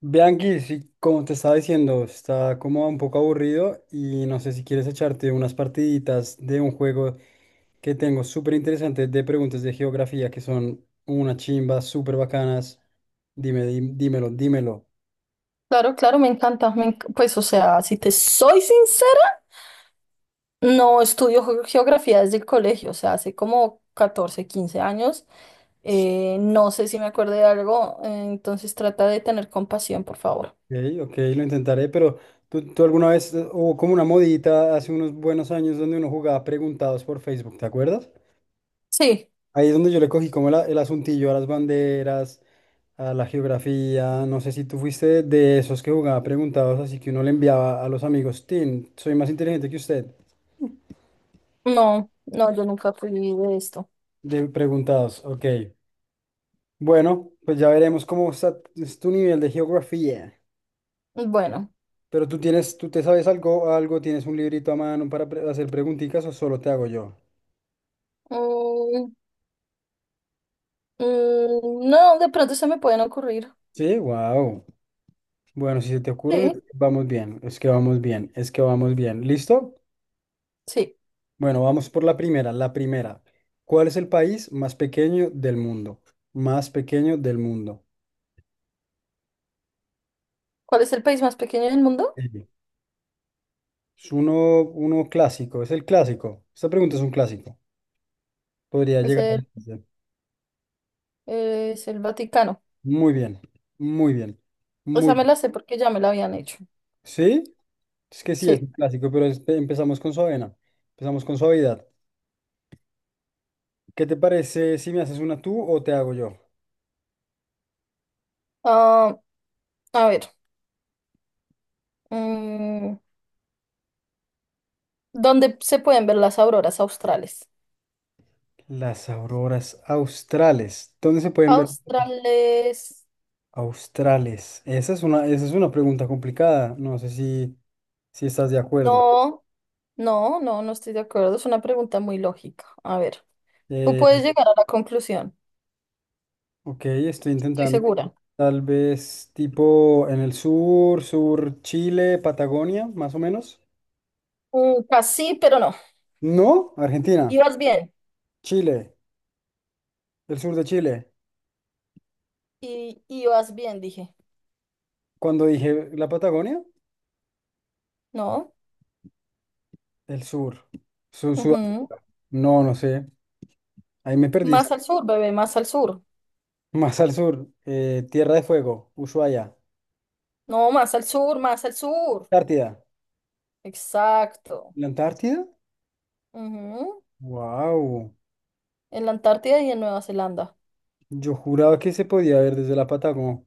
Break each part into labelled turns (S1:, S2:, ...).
S1: Bianchi, sí, como te estaba diciendo, está como un poco aburrido y no sé si quieres echarte unas partiditas de un juego que tengo súper interesante de preguntas de geografía que son una chimba, súper bacanas. Dime, dímelo, dímelo.
S2: Claro, claro, me encanta. Pues, o sea, si te soy sincera, no estudio geografía desde el colegio, o sea, hace como 14, 15 años.
S1: Sí,
S2: No sé si me acuerdo de algo, entonces trata de tener compasión, por favor.
S1: ok, ok, lo intentaré, pero ¿tú alguna vez hubo como una modita hace unos buenos años donde uno jugaba preguntados por Facebook? ¿Te acuerdas?
S2: Sí,
S1: Ahí es donde yo le cogí como el asuntillo a las banderas, a la geografía. No sé si tú fuiste de esos que jugaba preguntados, así que uno le enviaba a los amigos, tin, soy más inteligente que usted.
S2: no, no, yo nunca fui de esto.
S1: De preguntados, ok. Bueno, pues ya veremos cómo está es tu nivel de geografía.
S2: Bueno,
S1: Pero tú tienes, tú te sabes algo, algo, tienes un librito a mano para hacer preguntitas o solo te hago yo.
S2: mm, no, de pronto se me pueden ocurrir.
S1: Sí, wow. Bueno, si se te ocurre,
S2: Sí,
S1: vamos bien, es que vamos bien, es que vamos bien. ¿Listo?
S2: sí.
S1: Bueno, vamos por la primera. La primera. ¿Cuál es el país más pequeño del mundo? Más pequeño del mundo.
S2: ¿Cuál es el país más pequeño del mundo?
S1: Sí. Es uno clásico. Es el clásico. Esta pregunta es un clásico. Podría
S2: Es
S1: llegar a...
S2: el,
S1: la
S2: es el Vaticano.
S1: Muy bien. Muy bien. Muy
S2: Esa me
S1: bien.
S2: la sé porque ya me la habían hecho.
S1: ¿Sí? Es que sí, es un
S2: Sí.
S1: clásico, pero empezamos con suavena. Empezamos con suavidad. ¿Qué te parece si me haces una tú o te hago yo?
S2: Ah, a ver, mm, ¿dónde se pueden ver las auroras australes?
S1: Las auroras australes. ¿Dónde se pueden ver?
S2: Australes.
S1: Australes. Esa es una pregunta complicada. No sé si, si estás de acuerdo.
S2: No, no, no, no estoy de acuerdo. Es una pregunta muy lógica. A ver, tú
S1: Eh,
S2: puedes llegar a la conclusión,
S1: ok, estoy
S2: estoy
S1: intentando.
S2: segura.
S1: Tal vez tipo en el sur, Chile, Patagonia, más o menos.
S2: Casi, pero no.
S1: No, Argentina,
S2: Ibas bien.
S1: Chile, el sur de Chile.
S2: Y ibas bien, dije.
S1: Cuando dije la Patagonia,
S2: No.
S1: el sur. Sur.
S2: Ujú.
S1: No, no sé. Ahí me perdí.
S2: Más al sur, bebé, más al sur.
S1: Más al sur, Tierra de Fuego, Ushuaia,
S2: No, más al sur, más al sur.
S1: Antártida.
S2: Exacto.
S1: ¿La Antártida?
S2: Ujú.
S1: Wow.
S2: En la Antártida y en Nueva Zelanda.
S1: Yo juraba que se podía ver desde la Patagonia.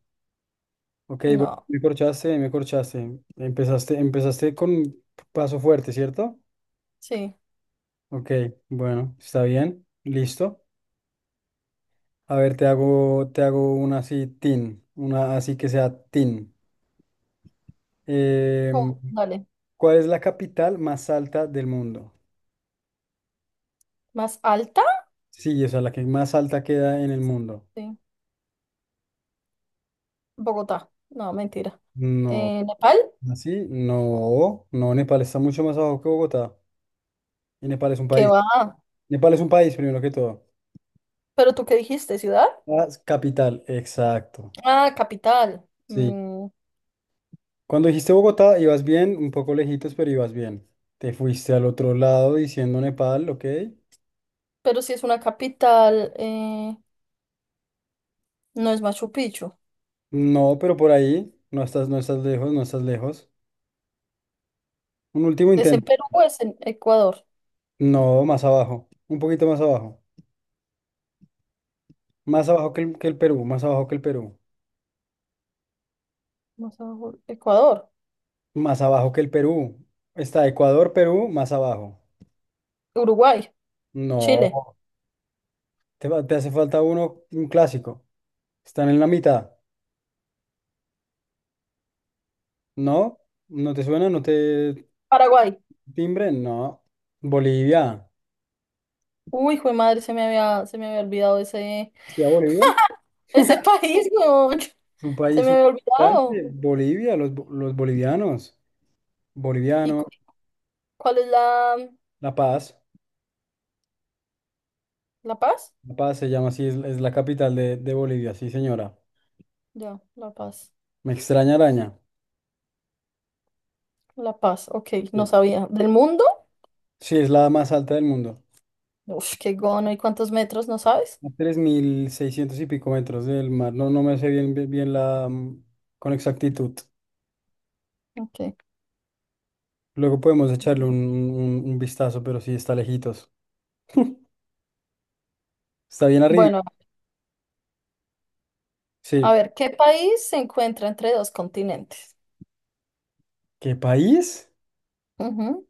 S1: Ok, bueno,
S2: No.
S1: me corchaste, me corchaste. Empezaste, empezaste con paso fuerte, ¿cierto?
S2: Sí.
S1: Ok, bueno, está bien, listo. A ver, te hago una así, tin, una así que sea tin. Em,
S2: ¿Cómo? Dale.
S1: ¿Cuál es la capital más alta del mundo?
S2: ¿Más alta?
S1: Sí, o sea, la que más alta queda en el mundo.
S2: Sí, Bogotá. No, mentira.
S1: No,
S2: Nepal,
S1: así, no, no, Nepal está mucho más abajo que Bogotá. Y Nepal es un
S2: ¿qué
S1: país.
S2: va?
S1: Nepal es un país, primero que todo.
S2: ¿Pero tú qué dijiste? ¿Ciudad?
S1: Ah, es capital, exacto.
S2: Ah, capital.
S1: Sí. Cuando dijiste Bogotá, ibas bien, un poco lejitos, pero ibas bien. Te fuiste al otro lado diciendo Nepal, ¿ok?
S2: Pero si es una capital, no es Machu Picchu.
S1: No, pero por ahí, no estás, no estás lejos, no estás lejos. Un último
S2: ¿Es en
S1: intento.
S2: Perú o es en Ecuador?
S1: No, más abajo, un poquito más abajo. Más abajo que el Perú, más abajo que el Perú.
S2: Más abajo, Ecuador,
S1: Más abajo que el Perú. Está Ecuador, Perú, más abajo.
S2: Uruguay, Chile,
S1: No, te, te hace falta uno, un clásico. Están en la mitad, ¿no? ¿No te suena? ¿No te...?
S2: Paraguay.
S1: Timbre, no. Bolivia.
S2: Uy, hijo de madre, se me había olvidado ese,
S1: ¿Está Bolivia?
S2: país, weón.
S1: Es un
S2: Se
S1: país
S2: me había olvidado.
S1: importante. Bolivia, los, los bolivianos.
S2: ¿Y
S1: Boliviano,
S2: cuál es la,
S1: La Paz.
S2: La Paz?
S1: La Paz se llama así, es la capital de Bolivia, sí, señora.
S2: Ya, La Paz.
S1: Me extraña araña.
S2: La Paz, ok, no
S1: Sí,
S2: sabía. ¿Del mundo?
S1: sí, es la más alta del mundo.
S2: Uf, qué gono. ¿Y cuántos metros? ¿No sabes?
S1: A 3.600 y pico metros del mar. No, no me sé bien, bien, bien la, con exactitud.
S2: Ok.
S1: Luego podemos echarle un, un vistazo, pero sí está lejitos. Está bien arriba.
S2: Bueno, a
S1: Sí.
S2: ver, ¿qué país se encuentra entre dos continentes?
S1: ¿Qué país?
S2: Ujú,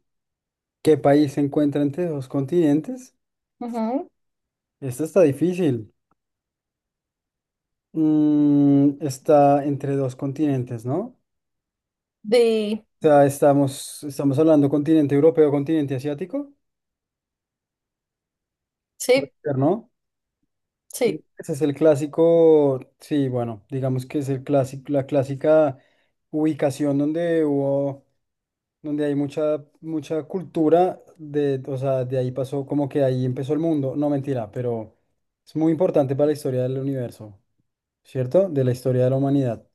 S1: ¿Qué país se encuentra entre dos continentes?
S2: ujú.
S1: Esto está difícil. Mm, está entre dos continentes, ¿no? O
S2: Di-
S1: sea, estamos hablando continente europeo, continente asiático. Puede
S2: Sí,
S1: ser, ¿no? Sí.
S2: sí,
S1: Ese es el clásico, sí, bueno, digamos que es el clásico, la clásica ubicación donde hubo, donde hay mucha, mucha cultura de, o sea, de ahí pasó, como que ahí empezó el mundo. No, mentira, pero es muy importante para la historia del universo, ¿cierto? De la historia de la humanidad.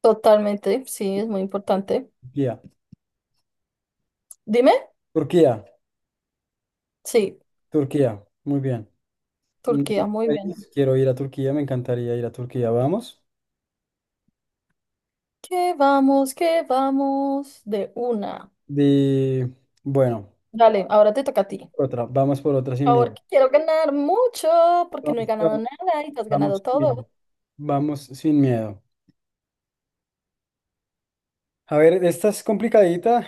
S2: totalmente. Sí, es muy importante.
S1: Turquía,
S2: Dime.
S1: Turquía,
S2: Sí,
S1: Turquía, muy bien. Un
S2: Turquía, muy bien.
S1: país. Quiero ir a Turquía, me encantaría ir a Turquía, vamos.
S2: ¿Qué vamos? ¿Qué vamos? De una.
S1: De, bueno,
S2: Dale, ahora te toca a ti.
S1: otra, vamos por otra
S2: Por
S1: sin miedo.
S2: favor, que quiero ganar mucho porque no he ganado
S1: Vamos,
S2: nada y te has
S1: vamos
S2: ganado
S1: sin miedo.
S2: todo.
S1: Vamos sin miedo. A ver, esta es complicadita,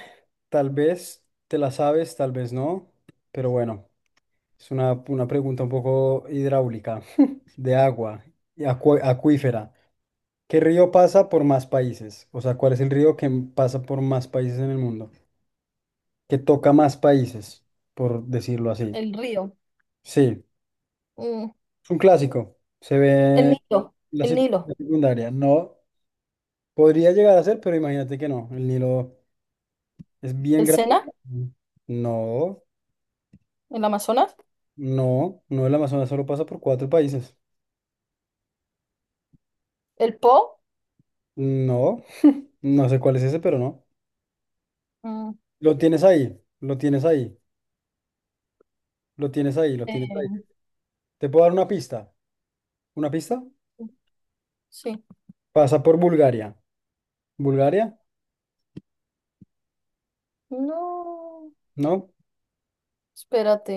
S1: tal vez te la sabes, tal vez no, pero bueno, es una pregunta un poco hidráulica, de agua, y acuífera. ¿Qué río pasa por más países? O sea, ¿cuál es el río que pasa por más países en el mundo? Que toca más países, por decirlo así.
S2: El río,
S1: Sí,
S2: mm,
S1: es un clásico, se ve
S2: el
S1: en
S2: Nilo, el
S1: la
S2: Nilo,
S1: secundaria, no, podría llegar a ser, pero imagínate que no, el Nilo es bien
S2: el
S1: grande.
S2: Sena,
S1: No.
S2: el Amazonas,
S1: No, no, el Amazonas solo pasa por cuatro países.
S2: el Po.
S1: No, no sé cuál es ese, pero no.
S2: Mm,
S1: Lo tienes ahí, lo tienes ahí, lo tienes ahí, lo tienes ahí.
S2: eh,
S1: ¿Te puedo dar una pista? ¿Una pista?
S2: sí.
S1: Pasa por Bulgaria. ¿Bulgaria?
S2: No,
S1: ¿No?
S2: espérate.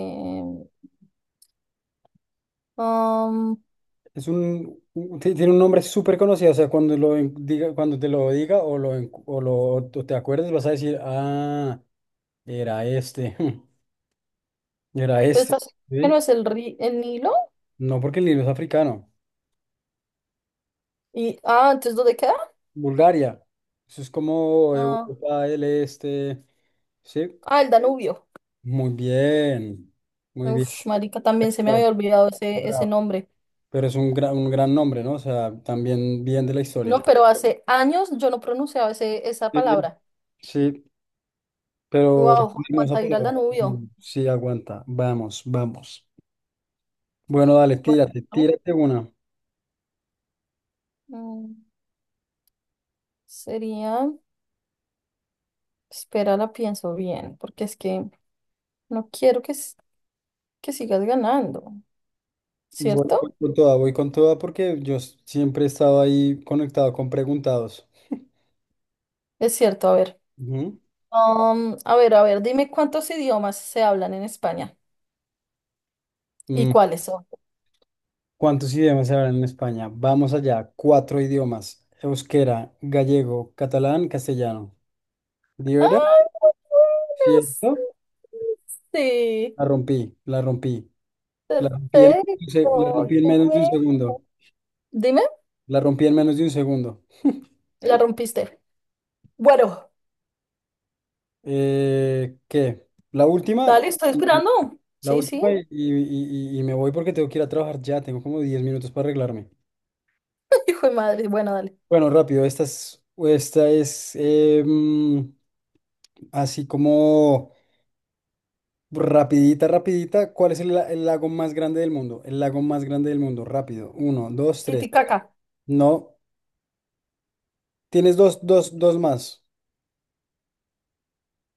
S2: Um,
S1: Es un, tiene un nombre súper conocido, o sea, cuando te lo diga o lo o te acuerdes, vas a decir, ah, era este, era
S2: pero
S1: este.
S2: estás, ¿qué no
S1: ¿Sí?
S2: es el Nilo?
S1: No, porque el libro es africano.
S2: Y, ¿entonces dónde queda?
S1: Bulgaria. Eso es como
S2: Ah,
S1: Europa del Este. Sí,
S2: ah, el Danubio.
S1: muy bien. Muy bien.
S2: Uf, marica, también se me había
S1: Bravo,
S2: olvidado ese
S1: bravo.
S2: nombre.
S1: Pero es un gran nombre, ¿no? O sea, también bien de la
S2: No,
S1: historia.
S2: pero hace años yo no pronunciaba ese, esa
S1: Sí,
S2: palabra.
S1: sí, pero
S2: Wow,
S1: hermosa
S2: cuánta ir al
S1: palabra.
S2: Danubio.
S1: Mm, sí, aguanta. Vamos, vamos. Bueno, dale,
S2: Bueno,
S1: tírate,
S2: a mí,
S1: tírate una.
S2: mm, sería, espera, la pienso bien, porque es que no quiero que, que sigas ganando,
S1: Voy,
S2: ¿cierto?
S1: voy con toda porque yo siempre he estado ahí conectado con preguntados.
S2: Es cierto, a ver. A ver, a ver, dime cuántos idiomas se hablan en España y
S1: Ujú.
S2: cuáles son.
S1: ¿Cuántos idiomas se hablan en España? Vamos allá, cuatro idiomas. Euskera, gallego, catalán, castellano. ¿Libera?
S2: ¡Ay, muy
S1: ¿Cierto?
S2: bueno! Sí, sí,
S1: La rompí, la rompí. La rompí la
S2: perfecto.
S1: rompí en
S2: Qué
S1: menos de un
S2: bueno.
S1: segundo.
S2: Dime,
S1: La rompí en menos de un segundo.
S2: la rompiste. Bueno,
S1: ¿Qué? La última,
S2: dale, estoy
S1: y- y-
S2: esperando.
S1: la
S2: Sí, sí.
S1: última y me voy porque tengo que ir a trabajar ya. Tengo como 10 minutos para arreglarme.
S2: Hijo de madre, bueno, dale.
S1: Bueno, rápido, esta es así como... Rapidita, rapidita. ¿Cuál es el lago más grande del mundo? El lago más grande del mundo. Rápido. Uno, dos, tres.
S2: Titicaca.
S1: No. Tienes dos más.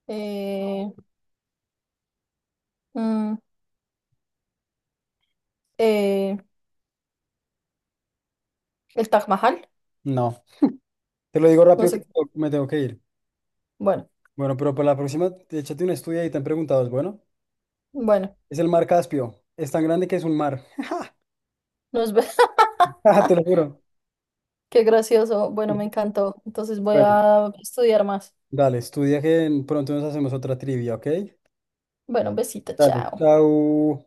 S2: Eh, mm, eh, el Taj Mahal.
S1: No. Te lo digo
S2: No
S1: rápido que
S2: sé.
S1: me tengo que ir.
S2: Bueno,
S1: Bueno, pero para la próxima, échate un estudio y te han preguntado. Es, bueno,
S2: bueno,
S1: es el mar Caspio. Es tan grande que es un mar.
S2: nos vemos.
S1: Ah, te lo juro.
S2: Qué gracioso. Bueno, me encantó. Entonces voy
S1: Bueno,
S2: a estudiar más.
S1: dale, estudia que pronto nos hacemos otra trivia, ¿ok?
S2: Bueno, un besito,
S1: Dale,
S2: chao.
S1: chao.